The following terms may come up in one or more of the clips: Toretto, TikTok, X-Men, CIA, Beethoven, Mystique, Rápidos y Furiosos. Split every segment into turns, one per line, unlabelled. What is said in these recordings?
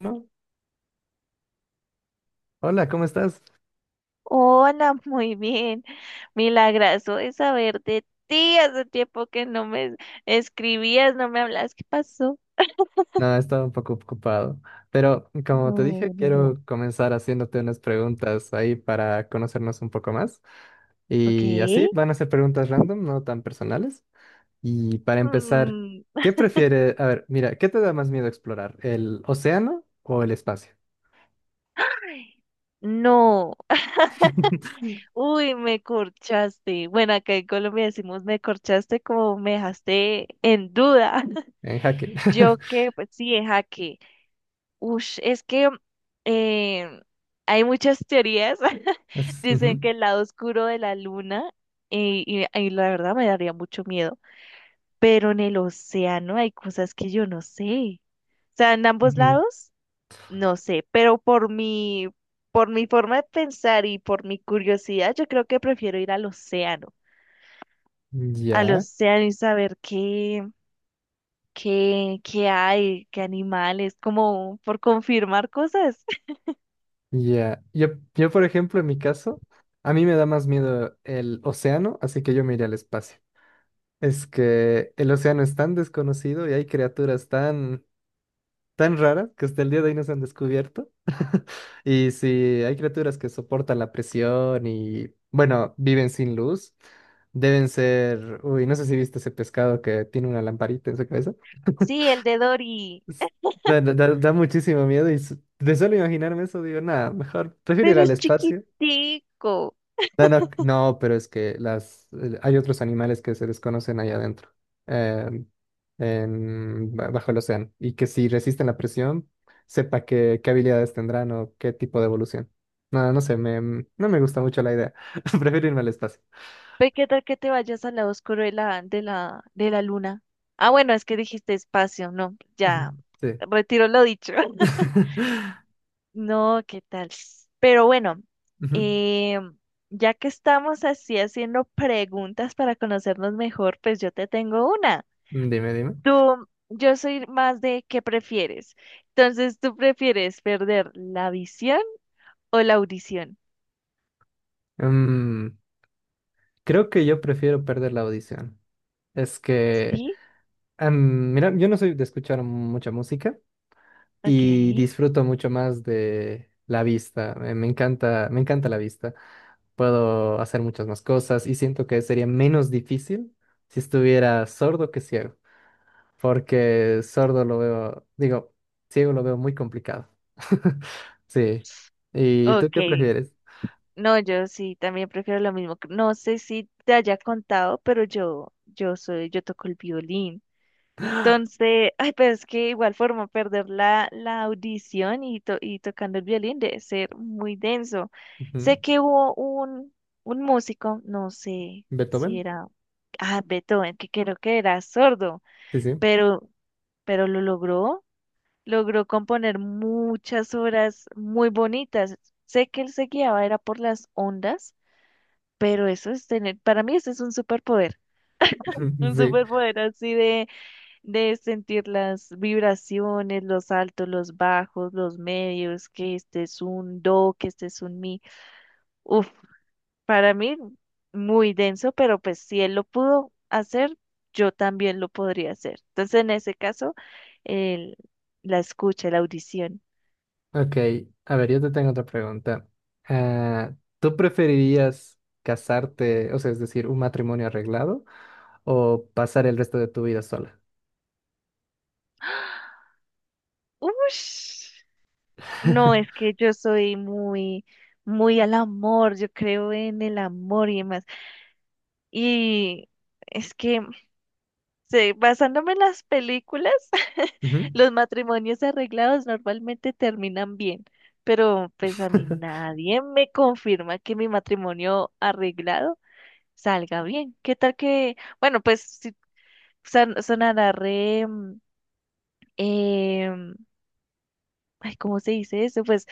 No. Hola, ¿cómo estás?
Hola, muy bien. Milagroso de saber de ti. Hace tiempo que no me escribías, no me hablas. ¿Qué pasó?
No, he estado un poco ocupado, pero como te dije,
No, no, no.
quiero comenzar haciéndote unas preguntas ahí para conocernos un poco más.
Ok.
Y así van a ser preguntas random, no tan personales. Y para empezar,
Mm,
¿qué prefiere? A ver, mira, ¿qué te da más miedo explorar? ¿El océano o el espacio?
no. Uy, me corchaste. Bueno, acá en Colombia decimos me corchaste como me dejaste en duda.
En jaque.
Yo que, pues sí, es jaque. Ush, es que eh, hay muchas teorías. Dicen
Ujú,
que el lado oscuro de la luna, y la verdad me daría mucho miedo, pero en el océano hay cosas que yo no sé. O sea, en ambos lados, no sé, pero por mi forma de pensar y por mi curiosidad, yo creo que prefiero ir
ujú.
al
Ya.
océano y saber qué hay, qué animales, como por confirmar cosas.
Ya, yo, por ejemplo, en mi caso, a mí me da más miedo el océano, así que yo me iría al espacio. Es que el océano es tan desconocido y hay criaturas tan raras que hasta el día de hoy no se han descubierto. Y si hay criaturas que soportan la presión y, bueno, viven sin luz, deben ser, uy, no sé si viste ese pescado que tiene una lamparita en su cabeza.
Sí, el de Dory.
Es- da muchísimo miedo y de solo imaginarme eso digo, nada, mejor prefiero ir
Pero
al
es
espacio.
chiquitico.
No, no, no, pero es que las hay otros animales que se desconocen allá adentro, em, en, bajo el océano, y que si resisten la presión, sepa qué habilidades tendrán o qué tipo de evolución. No, no sé, no me gusta mucho la idea. Prefiero irme al espacio.
Ve qué tal que te vayas al lado oscuro de la luna. Ah, bueno, es que dijiste espacio, no,
Ujú,
ya,
Sí.
retiro lo dicho. No, qué tal. Pero bueno,
Ujú,
eh, ya que estamos así haciendo preguntas para conocernos mejor, pues yo te tengo una.
Dime, dime.
Tú, yo soy más de qué prefieres. Entonces, ¿tú prefieres perder la visión o la audición?
Mm, creo que yo prefiero perder la audición. Es
Sí,
mira, yo no soy de escuchar mucha música.
ok,
Y disfruto mucho más de la vista. Me encanta la vista. Puedo hacer muchas más cosas y siento que sería menos difícil si estuviera sordo que ciego, porque sordo lo veo, digo, ciego lo veo muy complicado. Sí. ¿Y tú
ok.
qué prefieres?
No, yo sí, también prefiero lo mismo. No sé si te haya contado, pero yo soy, yo toco el violín. Entonces, ay, pero es que igual forma perder la audición y, y tocando el violín debe ser muy denso.
Ujú.
Sé que hubo un músico, no sé si
¿Beethoven?
era, ah, Beethoven, que creo que era sordo,
Sí, sí.
pero, pero lo logró, logró componer muchas obras muy bonitas. Sé que él se guiaba, era por las ondas pero eso es tener, para mí eso es un
Sí.
superpoder así de sentir las vibraciones, los altos, los bajos, los medios, que este es un do, que este es un mi. Uf, para mí muy denso, pero pues si él lo pudo hacer, yo también lo podría hacer. Entonces en ese caso, el- la escucha, la audición.
Ok, a ver, yo te tengo otra pregunta. Ah, ¿tú preferirías casarte, o sea, es decir, un matrimonio arreglado o pasar el resto de tu vida sola?
Ush, no, es que yo soy muy al amor, yo creo en el amor y demás. Y es que, sí, basándome en las películas,
Ujú,
los matrimonios arreglados normalmente terminan bien, pero pues a mí nadie me confirma que mi matrimonio arreglado salga bien. ¿Qué tal que, bueno, pues si son, sonará re, em, ay, ¿cómo se dice eso? Pues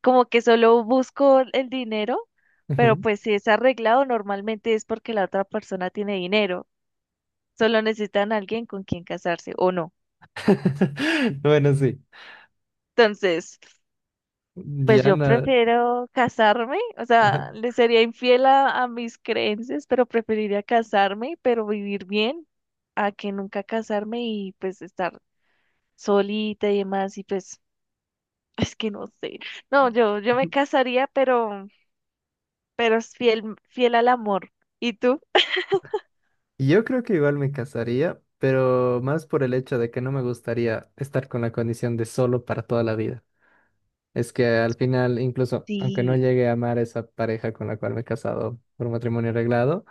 como que solo busco el dinero, pero
ujú.
pues si es arreglado normalmente es porque la otra persona tiene dinero. Solo necesitan alguien con quien casarse o no.
Bueno, sí.
Entonces, pues
Ya
yo
no.
prefiero casarme, o
Ajá.
sea, le sería infiel a mis creencias, pero preferiría casarme, pero vivir bien, a que nunca casarme y pues estar solita y demás, y pues es que no sé. No, yo me casaría, pero es fiel, fiel al amor. ¿Y tú?
Yo creo que igual me casaría, pero más por el hecho de que no me gustaría estar con la condición de solo para toda la vida. Es que al final, incluso aunque no
Sí,
llegue a amar a esa pareja con la cual me he casado por matrimonio arreglado,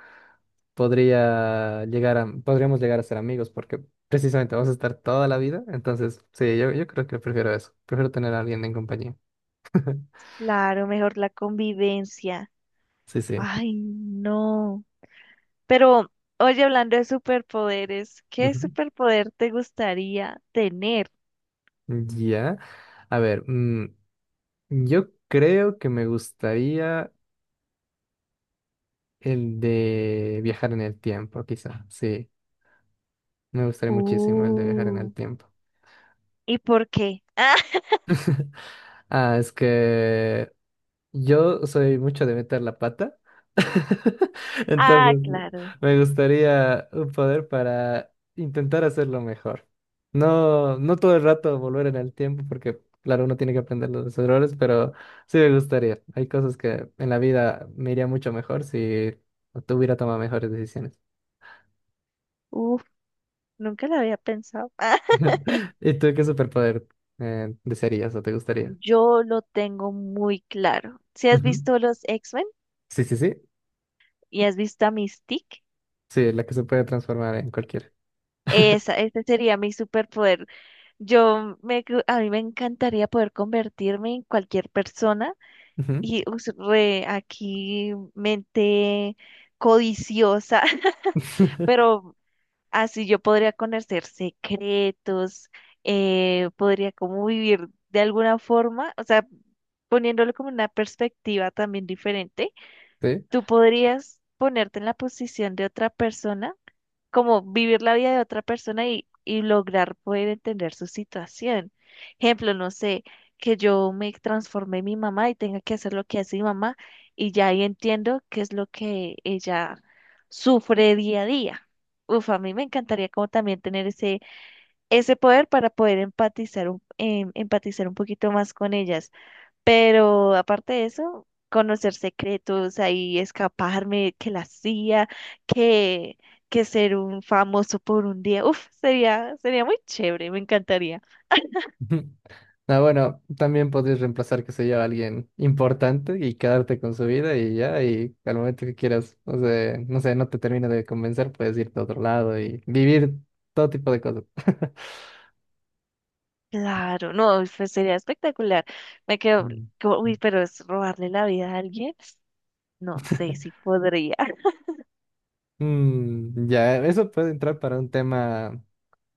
podríamos llegar a ser amigos porque precisamente vamos a estar toda la vida. Entonces, sí, yo creo que prefiero eso. Prefiero tener a alguien en compañía.
claro, mejor la convivencia.
Sí, sí.
Ay, no. Pero, oye, hablando de superpoderes, ¿qué
Ujú.
superpoder te gustaría tener?
Ya. A ver, yo creo que me gustaría el de viajar en el tiempo, quizá. Sí, me gustaría muchísimo el de viajar en
Uh,
el tiempo.
¿Y por qué?
Ah, es que yo soy mucho de meter la pata.
Ah,
Entonces,
claro.
me gustaría un poder para intentar hacerlo mejor. No, no todo el rato volver en el tiempo, porque claro, uno tiene que aprender los errores, pero sí me gustaría. Hay cosas que en la vida me iría mucho mejor si tuviera tomado mejores decisiones.
Uf, nunca lo había pensado.
¿Y tú qué superpoder desearías o te gustaría?
Yo lo tengo muy claro. Si has
Ujú.
visto los X-Men
Sí, sí, sí.
y has visto a Mystique,
Sí, la que se puede transformar en cualquiera.
esa, ese sería mi superpoder. A mí me encantaría poder convertirme en cualquier persona
Ujú.
y re aquí mente codiciosa, pero así yo podría conocer secretos, podría como vivir de alguna forma, o sea, poniéndolo como una perspectiva también diferente,
Sí.
tú podrías ponerte en la posición de otra persona como vivir la vida de otra persona y lograr poder entender su situación. Ejemplo, no sé, que yo me transformé en mi mamá y tenga que hacer lo que hace mi mamá y ya ahí entiendo qué es lo que ella sufre día a día. Uf, a mí me encantaría como también tener ese poder para poder empatizar empatizar un poquito más con ellas. Pero aparte de eso, conocer secretos, ahí escaparme, que la CIA, que, que ser un famoso por un día, uf, sería muy chévere, me encantaría.
Ujú. Ah, bueno, también podrías reemplazar, qué sé yo, a alguien importante y quedarte con su vida y ya, y al momento que quieras, o sea, no sé, no te termina de convencer, puedes irte a otro lado y vivir todo tipo de cosas.
Claro, no, pues sería espectacular. Me quedo,
Mm.
como, uy, pero es robarle la vida a alguien, no sé si podría.
Mm, ya, eso puede entrar para un tema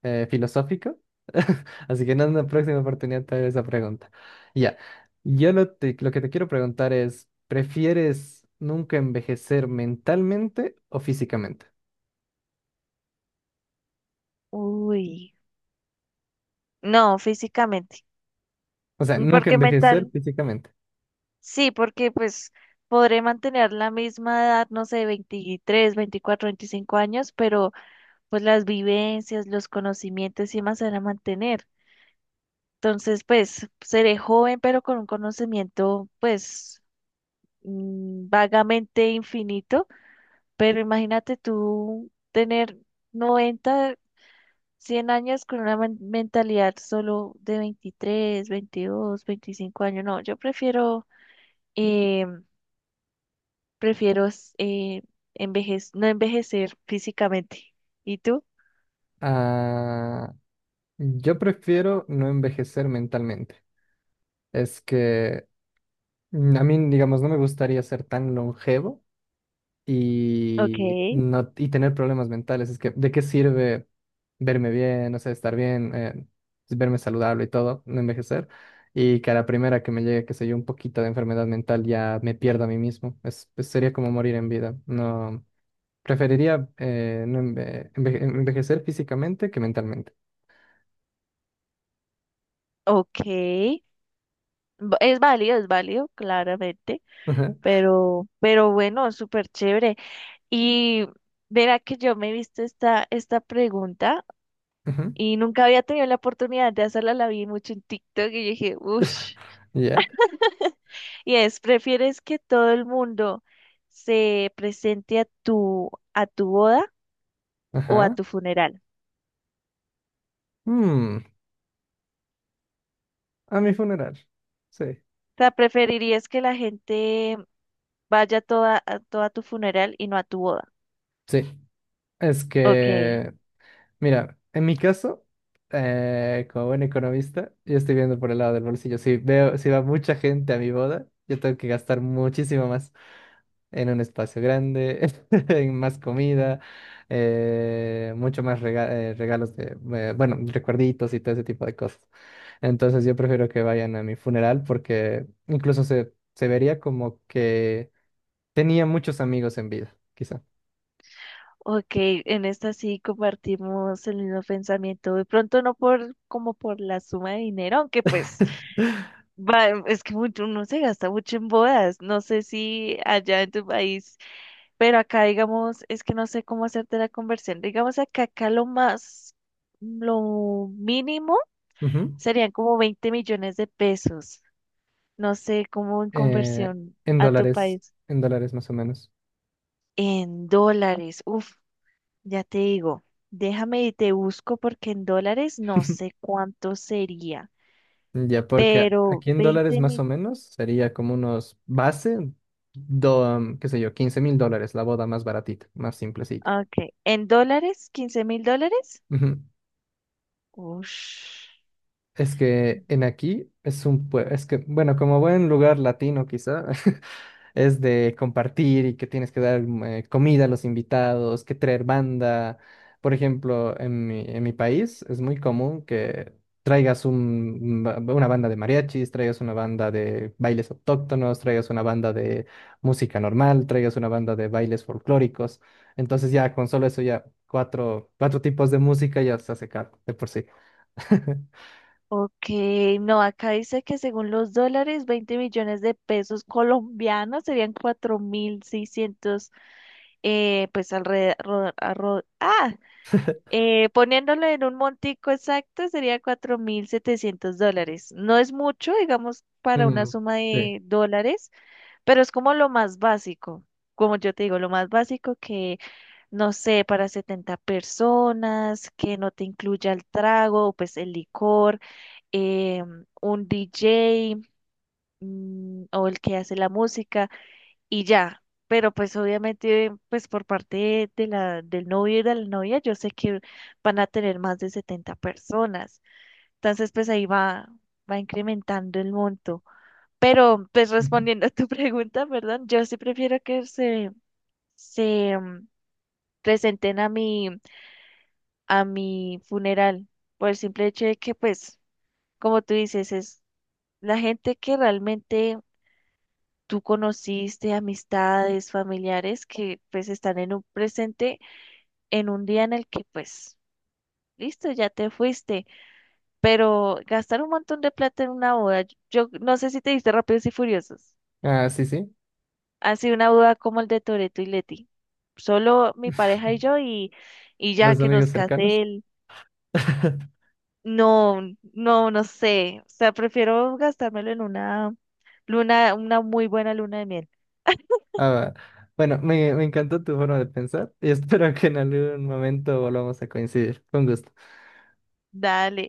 filosófico, así que en una próxima oportunidad te haré esa pregunta. Ya, lo que te quiero preguntar es, ¿prefieres nunca envejecer mentalmente o físicamente?
Uy, no, físicamente,
O sea, nunca
porque
envejecer
mental,
físicamente.
sí, porque pues podré mantener la misma edad, no sé, 23, 24, 25 años, pero pues las vivencias, los conocimientos y más se van a mantener. Entonces, pues seré joven, pero con un conocimiento, pues vagamente infinito. Pero imagínate tú tener 90, 100 años con una mentalidad solo de 23, 22, 25 años. No, yo prefiero, eh, prefiero eh, no envejecer físicamente. ¿Y tú?
Ah, yo prefiero no envejecer mentalmente. Es que mm, a mí, digamos, no me gustaría ser tan longevo
Ok,
y, no, y tener problemas mentales. Es que, ¿de qué sirve verme bien, o sea, estar bien, verme saludable y todo, no envejecer? Y que a la primera que me llegue, qué sé yo, un poquito de enfermedad mental, ya me pierda a mí mismo. Es, pues, sería como morir en vida. No. Preferiría no envejecer físicamente que mentalmente.
ok. Es válido, claramente,
Ajá,
pero bueno, es súper chévere. Y verá que yo me he visto esta pregunta
ajá.
y nunca había tenido la oportunidad de hacerla, la vi mucho en TikTok y yo dije, uff,
Ya.
y es, ¿prefieres que todo el mundo se presente a tu boda o a
Ajá.
tu funeral?
Mm, a mi funeral. Sí.
O sea, ¿preferirías que la gente vaya toda a tu funeral y no a tu boda?
Sí. Es
Ok.
que, mira, en mi caso, como buen economista, yo estoy viendo por el lado del bolsillo. Si veo, si va mucha gente a mi boda, yo tengo que gastar muchísimo más, en un espacio grande, en más comida, eh, mucho más regalos de, bueno, recuerditos y todo ese tipo de cosas. Entonces yo prefiero que vayan a mi funeral porque incluso se vería como que tenía muchos amigos en vida, quizá.
Ok, en esta sí compartimos el mismo pensamiento. De pronto no por como por la suma de dinero, aunque pues va, es que mucho, uno se gasta mucho en bodas. No sé si allá en tu país, pero acá digamos, es que no sé cómo hacerte la conversión. Digamos acá lo más, lo mínimo
Ujú.
serían como 20 millones de pesos. No sé cómo en
Eh,
conversión
en
a tu
dólares,
país.
en dólares más o menos.
En dólares. Uf, ya te digo, déjame y te busco porque en dólares no sé cuánto sería,
Ya, porque
pero
aquí en dólares
veinte
más o
mil,
menos sería como unos base, do, qué sé yo, $15,000, la boda más baratita, más simplecita.
ah, ok, en dólares, 15 mil dólares.
Ujú.
Ush.
Es que en aquí es un es que, bueno, como buen lugar latino quizá, es de compartir y que tienes que dar comida a los invitados, que traer banda. Por ejemplo, en mi país es muy común que traigas una banda de mariachis, traigas una banda de bailes autóctonos, traigas una banda de música normal, traigas una banda de bailes folclóricos. Entonces ya con solo eso ya cuatro tipos de música ya se hace caro de por sí.
Ok, no, acá dice que según los dólares, 20 millones de pesos colombianos serían 4.600, pues alrededor, poniéndolo en un montico exacto sería 4.700 dólares. No es mucho, digamos, para una
Mm,
suma
sí.
de dólares, pero es como lo más básico. Como yo te digo, lo más básico que, no sé, para 70 personas, que no te incluya el trago, pues el licor, un DJ, o el que hace la música y ya. Pero pues obviamente, pues por parte del novio y de la novia, yo sé que van a tener más de 70 personas. Entonces, pues ahí va, va incrementando el monto. Pero pues
Ujú.
respondiendo a tu pregunta, perdón, yo sí prefiero que se mm, presenten a mi funeral, por el simple hecho de que, pues, como tú dices, es la gente que realmente tú conociste, amistades, familiares que pues están en un presente en un día en el que pues, listo, ya te fuiste, pero gastar un montón de plata en una boda, yo no sé si te diste Rápidos y Furiosos,
Ah, sí, sí.
así una boda como el de Toretto y Leti, solo mi pareja y yo y ya
Los
que
amigos
nos
cercanos.
case él, no, no, no sé, o sea, prefiero gastármelo en una luna, una muy buena luna de miel,
Ah, bueno, me encantó tu forma de pensar y espero que en algún momento volvamos a coincidir. Con gusto.
dale.